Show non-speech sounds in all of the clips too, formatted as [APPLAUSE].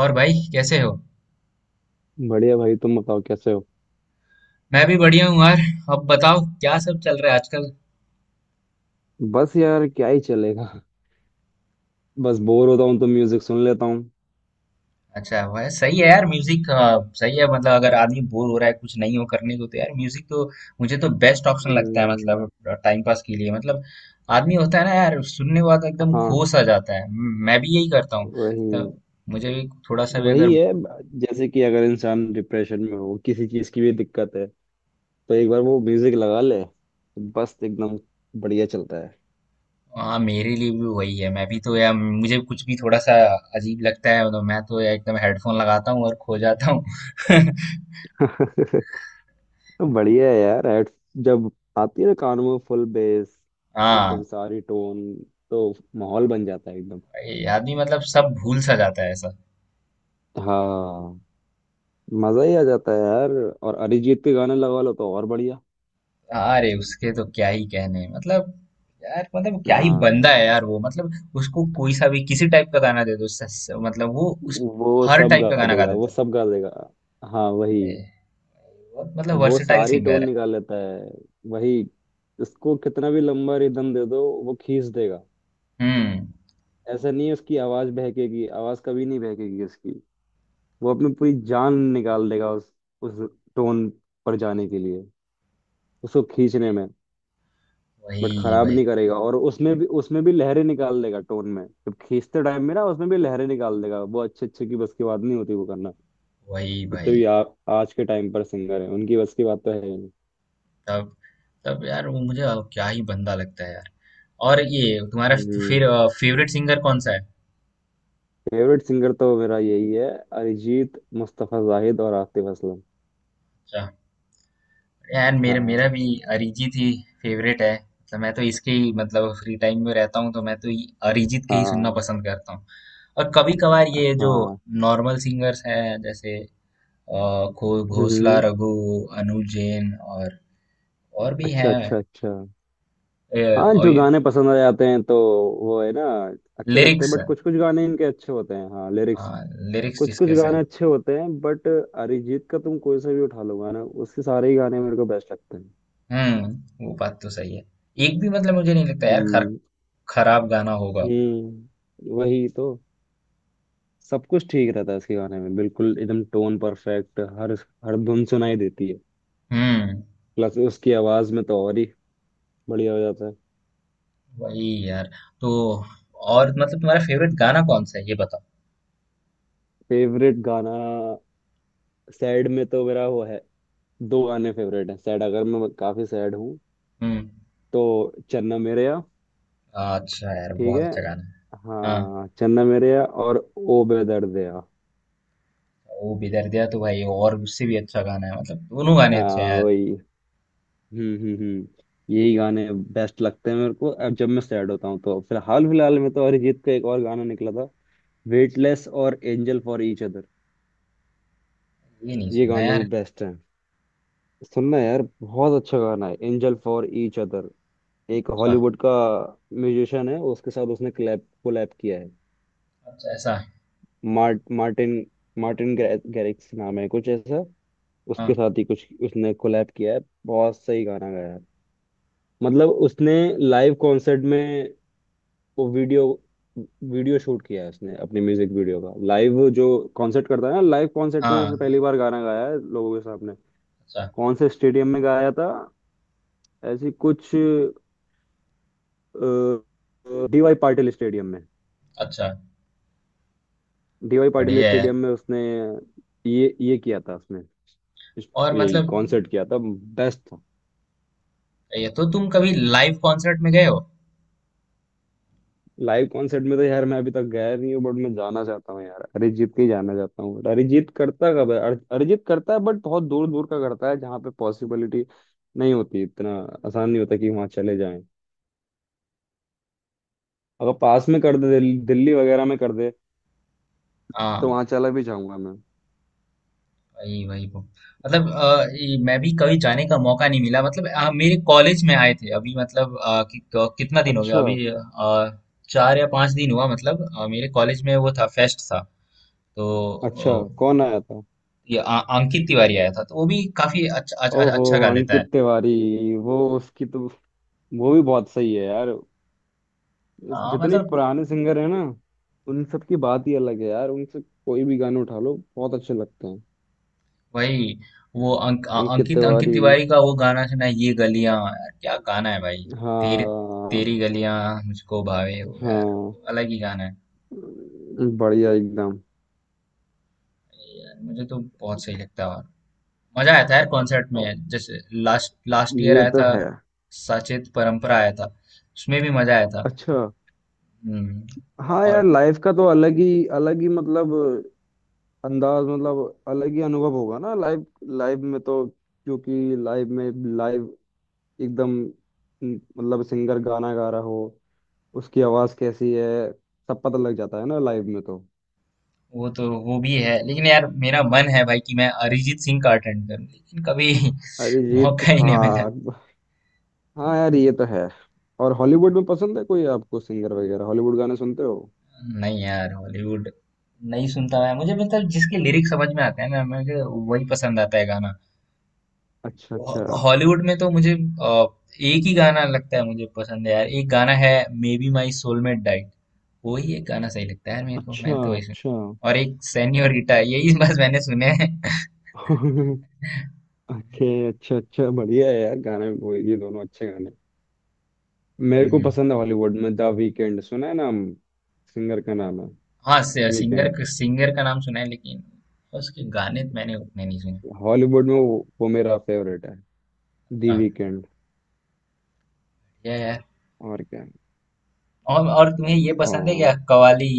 और भाई कैसे हो? बढ़िया भाई तुम बताओ कैसे हो। मैं भी बढ़िया हूँ यार। अब बताओ क्या सब चल रहा है आजकल? बस यार क्या ही चलेगा। बस बोर होता हूँ तो म्यूजिक सुन लेता हूँ। अच्छा वह सही है यार म्यूजिक। सही है मतलब अगर आदमी बोर हो रहा है कुछ नहीं हो करने को तो यार म्यूजिक तो मुझे तो बेस्ट ऑप्शन लगता है हम्म, मतलब टाइम पास के लिए मतलब आदमी होता है ना यार सुनने के बाद एकदम खो हाँ। सा जाता है। मैं भी यही करता हूँ तो वही। मुझे भी थोड़ा सा भी वही अगर। है। जैसे कि अगर इंसान डिप्रेशन में हो किसी चीज की भी दिक्कत है तो एक बार वो म्यूजिक लगा ले तो बस एकदम बढ़िया चलता है। हाँ मेरे लिए भी वही है मैं भी तो यार मुझे कुछ भी थोड़ा सा अजीब लगता है तो मैं तो यार एकदम हेडफोन लगाता हूँ और खो जाता हूँ। [LAUGHS] बढ़िया है यार। हेड जब आती है ना कान में फुल बेस [LAUGHS] हाँ। एकदम सारी टोन तो माहौल बन जाता है एकदम। आदमी मतलब सब भूल सा जाता है ऐसा। हाँ। मजा ही आ जाता है यार। और अरिजीत के गाने लगा लो तो और बढ़िया। अरे उसके तो क्या ही कहने मतलब। यार मतलब क्या ही बंदा हाँ। है यार वो मतलब उसको कोई सा भी किसी टाइप का गाना दे दो मतलब वो उस वो हर सब टाइप का गा गाना गा देगा, वो देता है। सब गा देगा। हाँ वही। ए, बहुत मतलब वो वर्सेटाइल सारी सिंगर टोन है। निकाल लेता है। वही। उसको कितना भी लंबा रिदम दे दो वो खींच देगा। हम्म। ऐसा नहीं है उसकी आवाज बहकेगी, आवाज कभी नहीं बहकेगी उसकी। वो अपनी पूरी जान निकाल देगा उस टोन पर जाने के लिए, उसको खींचने में। बट वही खराब भाई नहीं करेगा, और उसमें भी लहरें निकाल देगा टोन में, जब खींचते टाइम में ना उसमें भी लहरें निकाल देगा वो। अच्छे अच्छे की बस की बात नहीं होती वो करना। वही जितने भाई भी आज के टाइम पर सिंगर है उनकी बस की बात तो है ही नहीं। तब तब यार वो मुझे क्या ही बंदा लगता है यार। और ये तुम्हारा फिर हम्म। फेवरेट सिंगर कौन सा है? फेवरेट सिंगर तो मेरा यही है, अरिजीत मुस्तफा जाहिद और आतिफ असलम। अच्छा। यार मेरा हाँ। मेरा भी अरिजीत ही फेवरेट है। तो मैं तो इसके ही मतलब फ्री टाइम में रहता हूँ तो मैं तो ये अरिजीत के ही सुनना हाँ। पसंद करता हूँ। और कभी कभार ये जो हाँ। नॉर्मल सिंगर्स हैं जैसे अ, घोषला हम्म। रघु, अनुज जैन और भी अच्छा, हैं। अच्छा, अच्छा। ए, हाँ और जो गाने पसंद आ जाते हैं तो वो है ना, अच्छे लगते हैं, लिरिक्स बट कुछ कुछ गाने इनके अच्छे होते हैं। हाँ लिरिक्स। लिरिक्स कुछ कुछ जिसके से। गाने अच्छे होते हैं, बट अरिजीत का तुम कोई सा भी उठा लो गाना, उसके सारे ही गाने मेरे को बेस्ट लगते हैं। वो बात तो सही है। एक भी मतलब मुझे नहीं लगता यार, हम्म, खराब गाना होगा। हम्म, वही तो। सब कुछ ठीक रहता है उसके गाने में, बिल्कुल एकदम टोन परफेक्ट, हर हर धुन सुनाई देती है। हम्म प्लस उसकी आवाज में तो और ही बढ़िया हो जाता है। वही यार, तो और मतलब तुम्हारा फेवरेट गाना कौन सा है ये बताओ? फेवरेट गाना सैड में तो मेरा वो है। दो गाने फेवरेट हैं सैड, अगर मैं काफी सैड हूँ हुँ। तो चन्ना मेरेया। अच्छा है यार, ठीक बहुत है। अच्छा गाना है। हाँ। हाँ, चन्ना मेरेया और ओ बेदर्द दया। वो भी दर्द दिया तो भाई और उससे भी अच्छा गाना है मतलब दोनों गाने अच्छे हैं हाँ यार। वही। हम्म, हम्म, हम्म। यही गाने बेस्ट लगते हैं मेरे को, अब जब मैं सैड होता हूँ तो। फिलहाल फिलहाल में तो अरिजीत का एक और गाना निकला था, वेटलेस और एंजल फॉर ईच अदर। ये नहीं ये सुना गाने भी यार। बेस्ट हैं। सुनना यार, बहुत अच्छा गाना है एंजल फॉर ईच अदर। एक अच्छा, हॉलीवुड का म्यूजिशियन है, उसके साथ उसने कोलैब कोलैब किया है। अच्छा ऐसा है। मार्टिन मार्टिन गैरिक्स नाम है कुछ ऐसा। उसके हाँ। साथ ही कुछ उसने कोलैब किया है। बहुत सही गाना गाया है। मतलब उसने लाइव कॉन्सर्ट में वो वीडियो वीडियो शूट किया है, उसने अपने म्यूजिक वीडियो का। लाइव जो कॉन्सर्ट करता है ना, लाइव कॉन्सर्ट में हाँ, उसने पहली बार गाना गाया है लोगों के सामने। अच्छा, कौन से स्टेडियम में गाया था, ऐसी कुछ डीवाई पाटिल स्टेडियम में। अच्छा, डीवाई पाटिल बढ़िया है यार। स्टेडियम में उसने ये किया था उसने। और यही मतलब कॉन्सर्ट किया था बेस्ट। ये तो तुम कभी लाइव कॉन्सर्ट में गए हो? लाइव कॉन्सर्ट में तो यार मैं अभी तक गया नहीं हूँ, बट मैं जाना चाहता हूँ यार, अरिजीत के ही जाना चाहता हूँ। बट अरिजीत करता कब है? अरिजीत करता है, बट बहुत दूर दूर का करता है जहाँ पे पॉसिबिलिटी नहीं होती। इतना आसान नहीं होता कि वहाँ चले जाएं। अगर पास में कर दे, दिल्ली वगैरह में कर दे, हाँ, तो वहाँ चला भी जाऊंगा मैं। वही वही वो। मतलब ये मैं भी कभी जाने का मौका नहीं मिला, मतलब मेरे कॉलेज में आए थे अभी, मतलब कि क कितना दिन हो गया अच्छा, अभी, 4 या 5 दिन हुआ, मतलब मेरे कॉलेज में वो था, फेस्ट था। तो अच्छा। कौन आया था? ये अंकित तिवारी आया था तो वो भी काफी अच्छा अच्छा, ओहो, अच्छा गा लेता है। अंकित तिवारी। वो उसकी तो, वो भी बहुत सही है यार। जितने मतलब पुराने सिंगर है ना, उन सब की बात ही अलग है यार, उनसे कोई भी गाने उठा लो बहुत अच्छे लगते हैं। भाई वो अंकित अंकित अंकित तिवारी। तिवारी का वो गाना सुना है ये गलियां, यार क्या गाना है भाई, तेरी तेरी हाँ। गलियां मुझको भावे वो यार, हाँ। अलग ही गाना है, बढ़िया एकदम। यार मुझे तो बहुत सही लगता है। और मजा आया था यार कॉन्सर्ट ओ, में, जैसे लास्ट लास्ट ईयर ये आया तो था है। सचेत परंपरा, आया था उसमें भी मजा आया था। अच्छा। हम्म, हाँ और यार, लाइफ का तो अलग ही, अलग ही, मतलब अंदाज, मतलब अलग ही अनुभव होगा ना लाइफ लाइफ में तो, क्योंकि लाइफ में लाइव एकदम, मतलब सिंगर गाना गा रहा हो, उसकी आवाज कैसी है, सब पता लग जाता है ना लाइव में तो। वो तो वो भी है लेकिन यार मेरा मन है भाई कि मैं अरिजीत सिंह का अटेंड करूं, लेकिन कभी [LAUGHS] अरिजीत। मौका ही नहीं मिला। हाँ। हाँ यार, ये तो है। और हॉलीवुड में पसंद है कोई आपको सिंगर वगैरह, हॉलीवुड गाने सुनते हो? नहीं यार, हॉलीवुड नहीं सुनता मैं, मुझे मतलब जिसके लिरिक्स समझ में आते हैं ना मुझे वही पसंद आता है गाना। अच्छा, अच्छा। हॉलीवुड में तो मुझे एक ही गाना लगता है, मुझे पसंद है यार एक गाना है, मे बी माई सोलमेट डाइट। वही एक गाना सही लगता है यार मेरे को, अच्छा, मैंने तो वही अच्छा। सुना, और एक सेन्योरिटा, यही बस मैंने सुने हैं। [LAUGHS] ओके, अच्छा, अच्छा, बढ़िया है यार गाने वो, ये दोनों अच्छे गाने मेरे को [LAUGHS] पसंद है। हॉलीवुड में द वीकेंड सुना है नाम? सिंगर का नाम है हाँ, वीकेंड। सिंगर सिंगर का नाम सुना है लेकिन उसके गाने तो मैंने उतने नहीं सुने। हॉलीवुड में वो मेरा फेवरेट है, दी हाँ वीकेंड। ये है। और क्या। और तुम्हें ये आ, पसंद है क्या कवाली?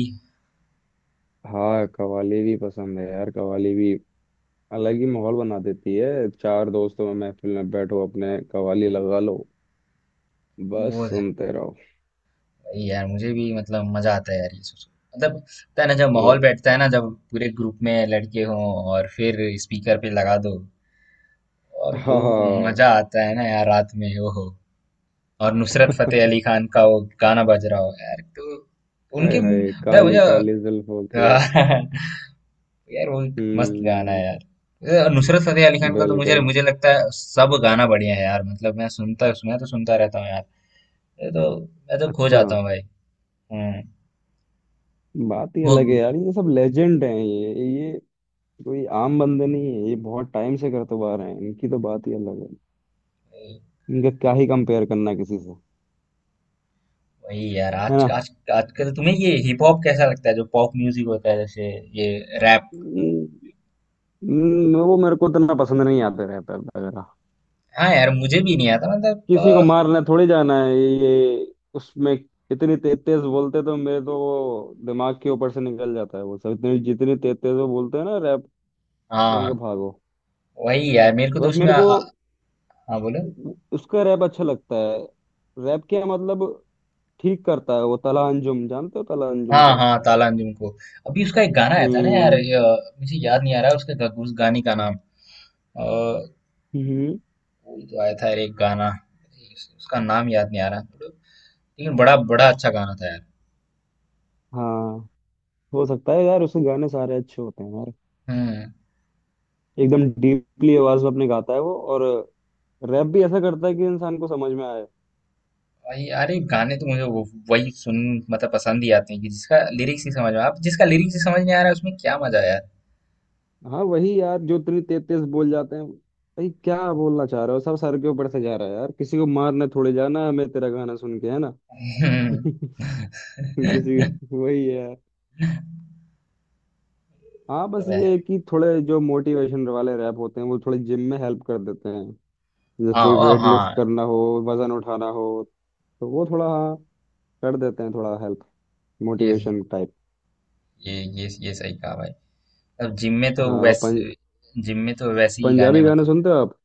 हाँ, कवाली भी पसंद है यार, कवाली भी अलग ही माहौल बना देती है। चार दोस्तों में महफिल में बैठो अपने, कव्वाली लगा लो, बस बोध, सुनते रहो। वही यार मुझे भी मतलब मजा आता है यार ये सुन, मतलब होता है ना जब माहौल ओ, बैठता है ना, जब पूरे ग्रुप में लड़के हों और फिर स्पीकर पे लगा दो, और हा जो हा, मजा आता है ना यार रात में, वो हो और नुसरत फतेह अली खान का वो गाना बज रहा हो यार, तो हाय उनके हाय मतलब काली काली जुल्फों मुझे के। [LAUGHS] यार वो एक मस्त गाना हम्म। है यार। ये नुसरत फतेह अली खान का तो मुझे बिल्कुल। मुझे लगता है सब गाना बढ़िया है यार, मतलब मैं सुनता, मैं तो सुनता रहता हूँ यार, ये तो मैं तो खो अच्छा। जाता हूँ भाई। हम्म। बात ही वो अलग है यार, ये सब लेजेंड हैं, ये कोई आम बंदे नहीं है, ये बहुत टाइम से करते हुए आ रहे हैं, इनकी तो बात ही अलग है। इनका क्या ही कंपेयर करना किसी से। वही यार, है आज ना। आज आजकल तुम्हें ये हिप हॉप कैसा लगता है, जो पॉप म्यूजिक होता है जैसे ये रैप? हम्म, वो मेरे को इतना पसंद नहीं आते, रहता वगैरह। हाँ यार मुझे भी नहीं आता, मतलब किसी को मारने थोड़ी जाना है ये उसमें, इतनी तेज तेज बोलते तो मेरे तो वो दिमाग के ऊपर से निकल जाता है, वो सब इतनी जितनी तेज तेज वो बोलते हैं ना रैप। मैंने कहा हाँ भागो। वही यार मेरे को तो बस उसमें मेरे आ, को आ, हाँ बोलो। उसका रैप अच्छा लगता है। रैप क्या मतलब, ठीक करता है वो तला अंजुम। जानते हो तला अंजुम हाँ को? हाँ, ताला अंजुम को अभी उसका एक गाना आया था ना यार, हम्म। ये, मुझे याद नहीं आ रहा है उसके उस गाने का नाम। अ, हम्म। अभी तो आया था यार एक गाना, उसका नाम याद नहीं आ रहा, लेकिन बड़ा बड़ा अच्छा गाना था यार। हाँ, हो सकता है यार, उसके गाने सारे अच्छे होते हैं यार। हम्म। एकदम डीपली आवाज में अपने गाता है वो, और रैप भी ऐसा करता है कि इंसान को समझ में आए। भाई अरे गाने तो मुझे वही सुन, मतलब पसंद ही आते हैं, कि जिसका लिरिक्स नहीं समझ में आप, जिसका लिरिक्स ही समझ नहीं आ रहा है उसमें क्या मजा है यार। हम्म। हाँ वही यार, जो त्री तेतीस बोल जाते हैं, भाई क्या बोलना चाह रहे हो, सब सर के ऊपर से जा रहा है यार, किसी को मारने थोड़े जाना है हमें तेरा गाना सुन के, है ना। [LAUGHS] [LAUGHS] किसी वही है। हाँ, तो बस ये है कि थोड़े जो मोटिवेशन वाले रैप होते हैं वो थोड़े जिम में हेल्प कर देते हैं। जैसे हाँ कोई वाह वेट लिफ्ट हाँ, करना हो, वजन उठाना हो, तो वो थोड़ा, हाँ, कर देते हैं, थोड़ा हेल्प, ये मोटिवेशन टाइप। ये सही कहा भाई। अब जिम में तो हाँ, और वैसे जिम में तो वैसे ही गाने पंजाबी गाने मतलब सुनते हो आप?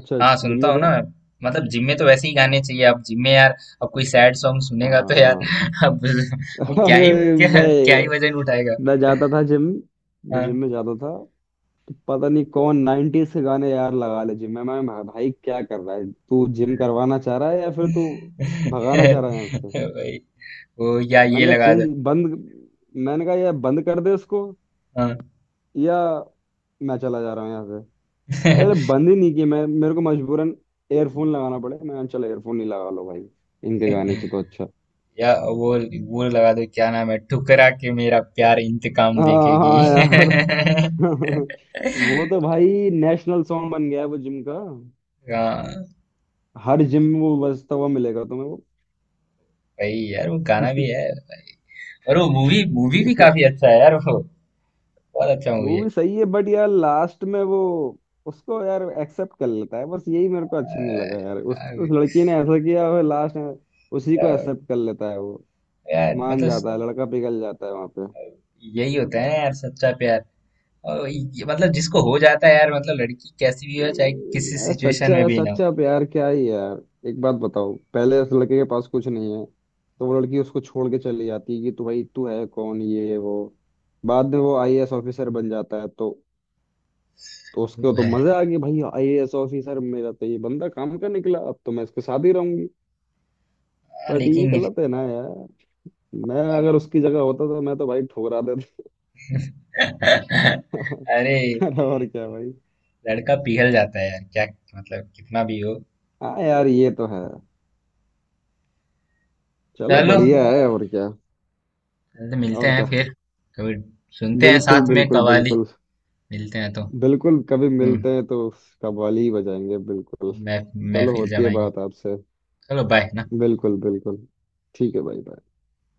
अच्छा हाँ जिम सुनता में हूँ क्या? ना मैं। मतलब जिम में तो वैसे ही गाने चाहिए, अब जिम में यार, अब कोई सैड सॉन्ग सुनेगा तो यार हाँ। [LAUGHS] अब वो [LAUGHS] अरे क्या ही मैं वजन उठाएगा। मैं जाता था जिम। मैं जिम हाँ। में जाता था तो पता नहीं कौन 90s के गाने यार लगा ले जिम में। भाई क्या कर रहा है तू, जिम करवाना चाह रहा है या फिर तू भगाना चाह रहा है यहाँ [LAUGHS] से? भाई वो या ये मैंने कहा लगा चेंज, दो। बंद। मैंने कहा यार बंद कर दे इसको, हाँ। या मैं चला जा रहा हूँ यहाँ से। अरे [LAUGHS] बंद ही नहीं किया, मैं मेरे को मजबूरन एयरफोन लगाना पड़े। मैं चलो एयरफोन नहीं लगा लो भाई, इनके गाने से तो अच्छा। या वो वो लगा दो क्या नाम है, ठुकरा के मेरा प्यार [LAUGHS] इंतकाम हाँ, देखेगी। हाँ यार। [LAUGHS] [LAUGHS] वो तो भाई नेशनल सॉन्ग बन गया है वो जिम का। हाँ हर जिम में वो बजता हुआ मिलेगा तुम्हें वो। भाई यार वो गाना भी [LAUGHS] है, और वो मूवी मूवी भी काफी अच्छा है यार, वो बहुत अच्छा मूवी है मूवी सही है, बट यार लास्ट में वो उसको यार एक्सेप्ट कर लेता है, बस यही मेरे को अच्छा नहीं लगा यार, उस यार। उस लड़की ने ऐसा किया और लास्ट में उसी को एक्सेप्ट कर लेता है वो। यार, मान मतलब जाता है लड़का, पिघल जाता है वहां। यही होता है यार सच्चा प्यार। और ये, मतलब जिसको हो जाता है यार, मतलब लड़की कैसी भी हो चाहे किसी यार सिचुएशन में सच्चा भी ना हो। सच्चा प्यार क्या ही है यार। एक बात बताओ, पहले उस लड़के के पास कुछ नहीं है तो वो लड़की उसको छोड़ के चली जाती है कि तू भाई तू है कौन, ये है, वो। बाद में वो आईएएस ऑफिसर बन जाता है, तो वो उसको तो तो है। मजा आ गई, भाई आईएएस ऑफिसर, मेरा तो ये बंदा काम का निकला, अब तो मैं इसके साथ ही रहूंगी। हाँ, बट ये लेकिन गलत है ना यार। मैं अगर उसकी जगह होता तो मैं तो भाई ठुकरा [LAUGHS] अरे देता। [LAUGHS] अरे और क्या भाई। लड़का पिघल जाता है यार, क्या मतलब कितना भी हो। हाँ यार, ये तो है। चलो चलो, बढ़िया है, और क्या। चल तो मिलते और हैं क्या। फिर कभी, सुनते हैं बिल्कुल, साथ में बिल्कुल, कवाली। बिल्कुल। मिलते हैं तो। बिल्कुल कभी हम्म। मिलते हैं तो कव्वाली ही बजाएंगे बिल्कुल। चलो महफिल होती है जमाएंगे। बात आपसे। चलो बाय ना। बिल्कुल, बिल्कुल। ठीक है भाई।